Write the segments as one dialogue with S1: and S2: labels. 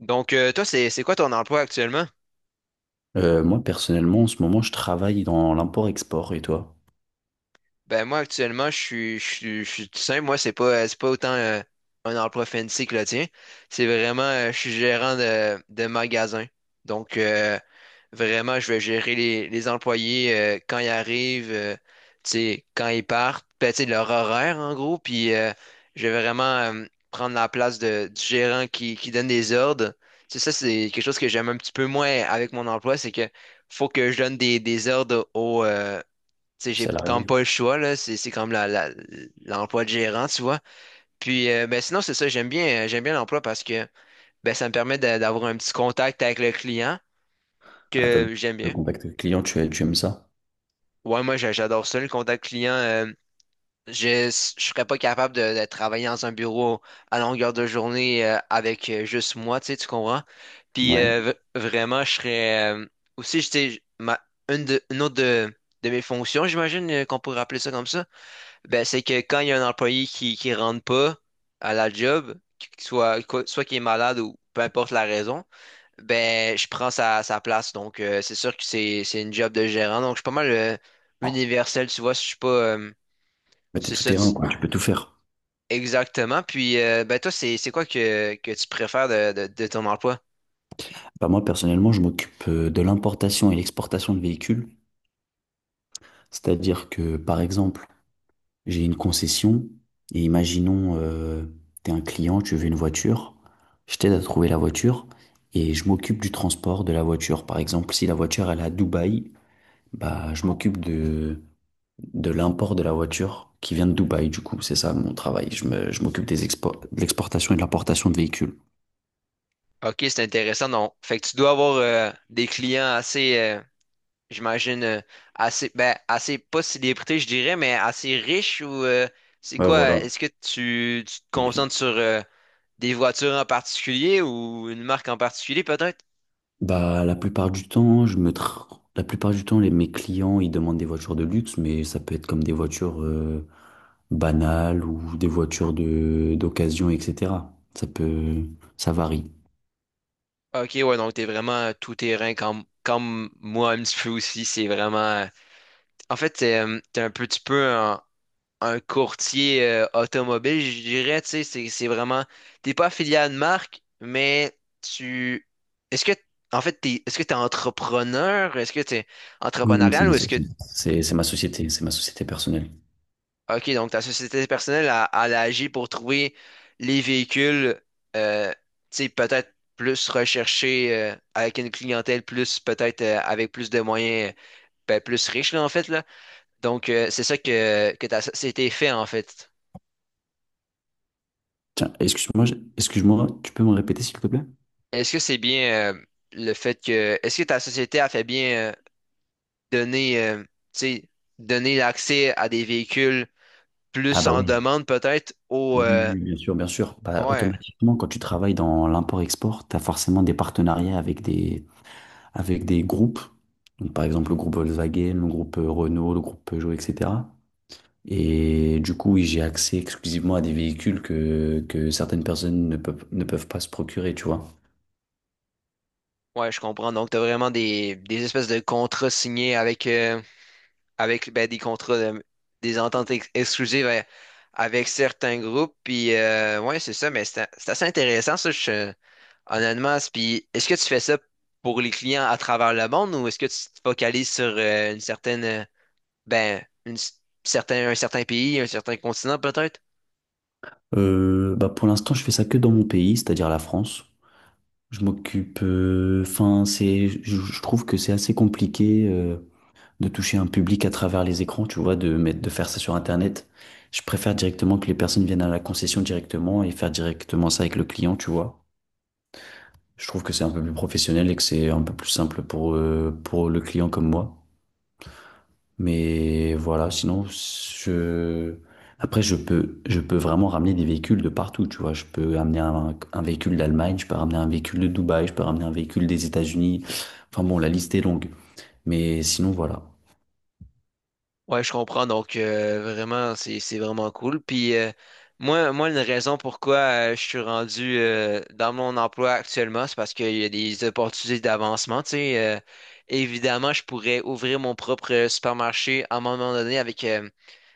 S1: Toi, c'est quoi ton emploi actuellement?
S2: Moi, personnellement, en ce moment, je travaille dans l'import-export. Et toi,
S1: Moi, actuellement, je suis tout simple. Moi, c'est pas autant un emploi fancy que le tien. C'est vraiment, je suis gérant de magasin. Donc, euh, Vraiment, je vais gérer les employés quand ils arrivent, tu sais, quand ils partent, ben, tu sais, leur horaire en gros, puis je vais vraiment prendre la place du gérant qui donne des ordres. Tu sais, ça, c'est quelque chose que j'aime un petit peu moins avec mon emploi, c'est que faut que je donne des ordres au, tu sais, j'ai quand même
S2: salarié?
S1: pas le choix, là, c'est comme l'emploi de gérant, tu vois. Puis, ben, sinon, c'est ça, j'aime bien l'emploi parce que ben, ça me permet d'avoir un petit contact avec le client
S2: Ah, t'as
S1: que j'aime
S2: le
S1: bien.
S2: contact client, tu aimes ça?
S1: Ouais, j'adore ça, le contact client. Je je serais pas capable de travailler dans un bureau à longueur de journée avec juste moi, tu sais, tu comprends?
S2: Ouais.
S1: Vraiment, je serais aussi, je sais, ma une de une autre de de mes fonctions, j'imagine qu'on pourrait appeler ça comme ça, ben c'est que quand il y a un employé qui rentre pas à la job, soit qui est malade ou peu importe la raison. Ben, je prends sa place, donc c'est sûr que c'est une job de gérant, donc je suis pas mal universel, tu vois, je suis pas...
S2: Bah, t'es
S1: c'est
S2: tout
S1: ça,
S2: terrain, quoi. Tu peux tout faire.
S1: exactement. Puis, ben toi, c'est quoi que tu préfères de ton emploi?
S2: Bah, moi, personnellement, je m'occupe de l'importation et l'exportation de véhicules. C'est-à-dire que, par exemple, j'ai une concession et imaginons, t'es un client, tu veux une voiture. Je t'aide à trouver la voiture et je m'occupe du transport de la voiture. Par exemple, si la voiture, elle est à Dubaï, bah, je m'occupe de l'import de la voiture qui vient de Dubaï, du coup, c'est ça mon travail. Je m'occupe de l'exportation et de l'importation de véhicules.
S1: Ok, c'est intéressant, donc fait que tu dois avoir des clients assez, j'imagine assez, pas célébrité, je dirais, mais assez riche ou c'est
S2: Ouais,
S1: quoi?
S2: voilà.
S1: Est-ce que tu te
S2: Et puis,
S1: concentres sur des voitures en particulier ou une marque en particulier peut-être?
S2: bah, la plupart du temps, mes clients, ils demandent des voitures de luxe, mais ça peut être comme des voitures banales ou des voitures de d'occasion, etc. Ça peut, ça varie.
S1: Ok, ouais, donc t'es vraiment tout terrain comme, comme moi un petit peu aussi. C'est vraiment. En fait, t'es, t'es un petit peu. En, un courtier automobile, je dirais, tu sais, c'est vraiment, t'es pas affilié à une marque, mais tu, est-ce que, en fait, t'es, est-ce que t'es entrepreneur, est-ce que t'es
S2: Oui, oui, c'est
S1: entrepreneurial
S2: ma
S1: ou est-ce que,
S2: société. C'est ma société, c'est ma société personnelle.
S1: ok, donc ta société personnelle a, elle agit pour trouver les véhicules, euh, tu sais, peut-être plus recherchés avec une clientèle plus, peut-être avec plus de moyens, ben, plus riche, là, en fait, là. Donc, c'est ça que ta société fait, en fait.
S2: Tiens, excuse-moi, excuse-moi, tu peux me répéter s'il te plaît?
S1: Est-ce que c'est bien le fait que est-ce que ta société a fait bien donner tu sais donner l'accès à des véhicules
S2: Ah
S1: plus
S2: bah
S1: en
S2: oui.
S1: demande peut-être au
S2: Oui, oui, oui, bien sûr, bien sûr. Bah,
S1: ouais
S2: automatiquement, quand tu travailles dans l'import-export, tu as forcément des partenariats avec des groupes. Donc, par exemple, le groupe Volkswagen, le groupe Renault, le groupe Peugeot, etc. Et du coup, oui, j'ai accès exclusivement à des véhicules que certaines personnes ne peuvent pas se procurer, tu vois.
S1: ouais je comprends donc t'as vraiment des espèces de contrats signés avec avec ben, des ententes exclusives avec certains groupes puis ouais c'est ça mais c'est assez intéressant ça honnêtement. Puis est-ce que tu fais ça pour les clients à travers le monde ou est-ce que tu te focalises sur une certaine ben, un certain pays, un certain continent peut-être.
S2: Bah, pour l'instant, je fais ça que dans mon pays, c'est-à-dire la France. Je trouve que c'est assez compliqué de toucher un public à travers les écrans, tu vois, de faire ça sur Internet. Je préfère directement que les personnes viennent à la concession directement et faire directement ça avec le client, tu vois. Je trouve que c'est un peu plus professionnel et que c'est un peu plus simple pour le client comme moi. Mais voilà, sinon, je... Après, je peux vraiment ramener des véhicules de partout, tu vois. Je peux amener un véhicule d'Allemagne, je peux ramener un véhicule de Dubaï, je peux ramener un véhicule des États-Unis. Enfin bon, la liste est longue. Mais sinon, voilà.
S1: Ouais, je comprends. Donc, vraiment, c'est vraiment cool. Puis, moi, une raison pourquoi je suis rendu dans mon emploi actuellement, c'est parce qu'il y a des opportunités d'avancement. Évidemment, je pourrais ouvrir mon propre supermarché à un moment donné avec, euh,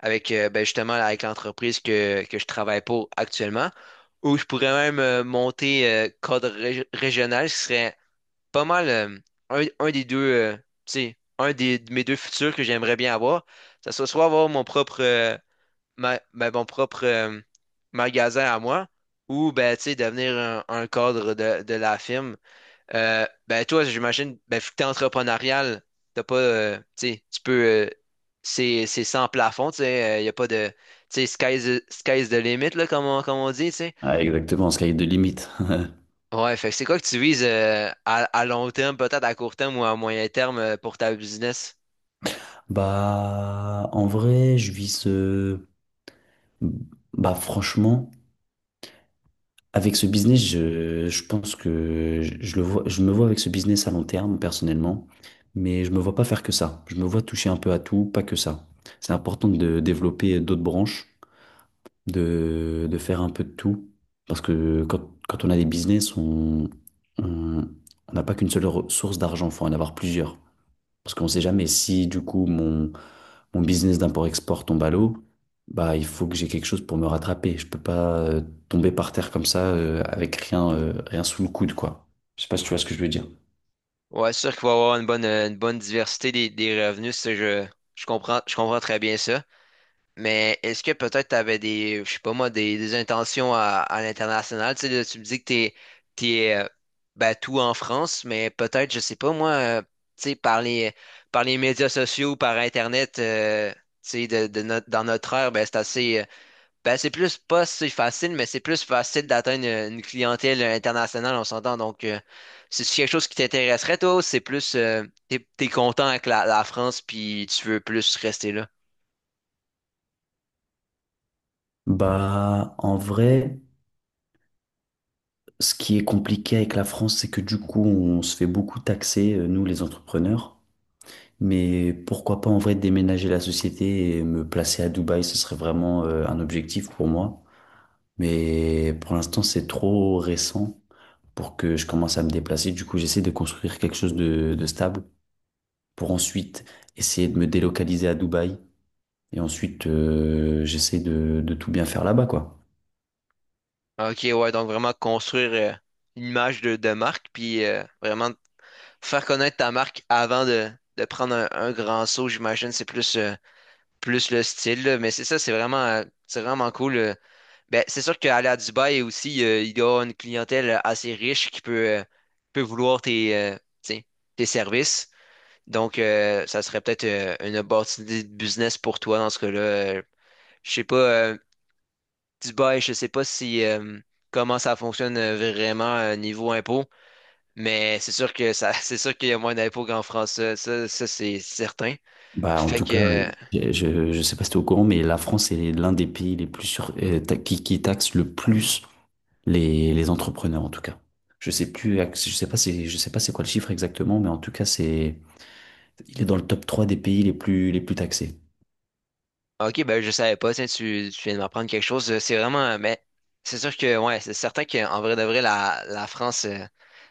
S1: avec euh, ben, justement, avec l'entreprise que je travaille pour actuellement. Ou je pourrais même monter code régional, ce qui serait pas mal un des deux, tu sais, un des, de mes deux futurs que j'aimerais bien avoir, ça serait soit avoir mon propre, mon propre magasin à moi, ou ben, tu sais, devenir un cadre de la firme. Ben, toi, j'imagine, ben, vu que t'es entrepreneurial, t'as pas, tu sais, tu peux, euh, c'est sans plafond, tu sais, il n'y a pas de, tu sais, sky's the limit, là, comme on dit, tu sais.
S2: Ah, exactement, sky de limite.
S1: Ouais, fait que c'est quoi que tu vises à long terme, peut-être à court terme ou à moyen terme pour ta business?
S2: Bah, en vrai, je vis ce... Bah, franchement, avec ce business, je pense que je le vois, je me vois avec ce business à long terme, personnellement, mais je me vois pas faire que ça. Je me vois toucher un peu à tout, pas que ça. C'est important de développer d'autres branches, de faire un peu de tout, parce que quand on a des business, on, on n'a pas qu'une seule source d'argent, faut en avoir plusieurs. Parce qu'on sait jamais si, du coup, mon business d'import-export tombe à l'eau, bah, il faut que j'ai quelque chose pour me rattraper. Je peux pas tomber par terre comme ça avec rien, rien sous le coude, quoi. Je sais pas si tu vois ce que je veux dire.
S1: Ouais, c'est sûr qu'il va y avoir une bonne diversité des revenus, je comprends très bien ça. Mais est-ce que peut-être tu avais des, je sais pas moi, des intentions à l'international? Tu sais, là, tu me dis que t'es, t'es euh, ben, tout en France, mais peut-être, je sais pas moi, tu sais, par les médias sociaux, par Internet, tu sais, de, dans notre ère, ben, c'est assez. Ben, c'est plus pas si facile, mais c'est plus facile d'atteindre une clientèle internationale, on s'entend. Donc, c'est quelque chose qui t'intéresserait, toi, ou c'est plus, t'es content avec la France, puis tu veux plus rester là.
S2: Bah, en vrai, ce qui est compliqué avec la France, c'est que du coup, on se fait beaucoup taxer, nous, les entrepreneurs. Mais pourquoi pas en vrai déménager la société et me placer à Dubaï, ce serait vraiment un objectif pour moi. Mais pour l'instant, c'est trop récent pour que je commence à me déplacer. Du coup, j'essaie de construire quelque chose de stable pour ensuite essayer de me délocaliser à Dubaï. Et ensuite, j'essaie de tout bien faire là-bas, quoi.
S1: Ok, ouais, donc vraiment construire une image de marque, puis vraiment faire connaître ta marque avant de prendre un grand saut, j'imagine, c'est plus, plus le style, là. Mais c'est ça, c'est vraiment cool. Ben, c'est sûr qu'aller à Dubaï aussi, il y a une clientèle assez riche qui peut, euh, peut vouloir tes, tu sais, tes services. Donc, ça serait peut-être une opportunité de business pour toi dans ce cas-là. Je sais pas, Dubaï, je sais pas si comment ça fonctionne vraiment niveau impôt, mais c'est sûr que ça, c'est sûr qu'il y a moins d'impôts qu'en France. Ça, c'est certain.
S2: Bah, en
S1: Fait
S2: tout cas,
S1: que
S2: je sais pas si tu es au courant, mais la France est l'un des pays les plus sur, qui taxe le plus les entrepreneurs, en tout cas. Je sais pas je sais pas c'est quoi le chiffre exactement, mais en tout cas, il est dans le top 3 des pays les plus taxés.
S1: ok, ben je savais pas, tiens, tu viens de m'apprendre quelque chose. C'est vraiment, mais c'est sûr que, ouais, c'est certain qu'en vrai de vrai, la France,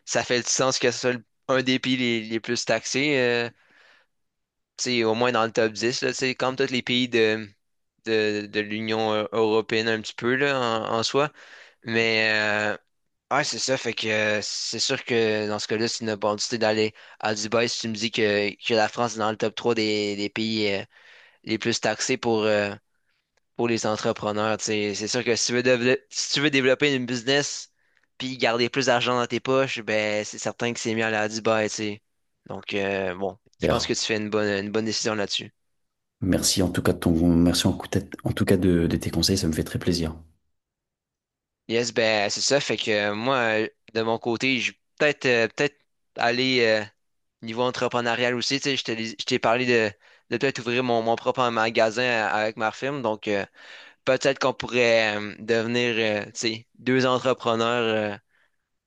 S1: ça fait du sens que ce soit un des pays les plus taxés, tu sais, au moins dans le top 10. Là, tu sais, comme tous les pays de l'Union européenne un petit peu, là, en, en soi. Mais, ouais, c'est ça, fait que c'est sûr que dans ce cas-là, c'est une opportunité d'aller à Dubaï si tu me dis que la France est dans le top 3 des pays les plus taxés pour les entrepreneurs. Tu sais. C'est sûr que si tu veux, si tu veux développer une business puis garder plus d'argent dans tes poches, ben c'est certain que c'est mieux aller à Dubaï, tu sais. Donc bon, je pense que
S2: D'ailleurs,
S1: tu fais une bonne décision là-dessus.
S2: Merci en tout cas de tes conseils, ça me fait très plaisir.
S1: Yes, ben c'est ça. Fait que de mon côté, je peut-être peut-être aller niveau entrepreneurial aussi. Tu sais, je t'ai parlé de peut-être ouvrir mon propre magasin avec ma firme. Donc peut-être qu'on pourrait devenir tu sais, deux entrepreneurs. euh,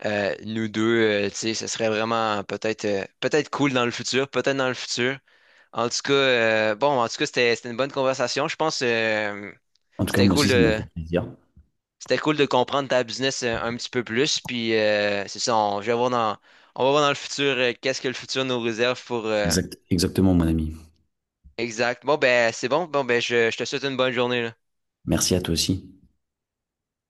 S1: Euh, Nous deux, tu sais, ce serait vraiment peut-être cool dans le futur, peut-être dans le futur. En tout cas, bon, en tout cas, c'était une bonne conversation. Je pense
S2: En tout cas,
S1: c'était
S2: moi
S1: cool
S2: aussi, ça m'a
S1: de
S2: fait plaisir.
S1: comprendre ta business un petit peu plus. Puis c'est ça, je vais voir dans on va voir dans le futur qu'est-ce que le futur nous réserve pour
S2: Exact, exactement, mon ami.
S1: exact. Bon ben c'est bon. Bon ben je te souhaite une bonne journée là.
S2: Merci à toi aussi.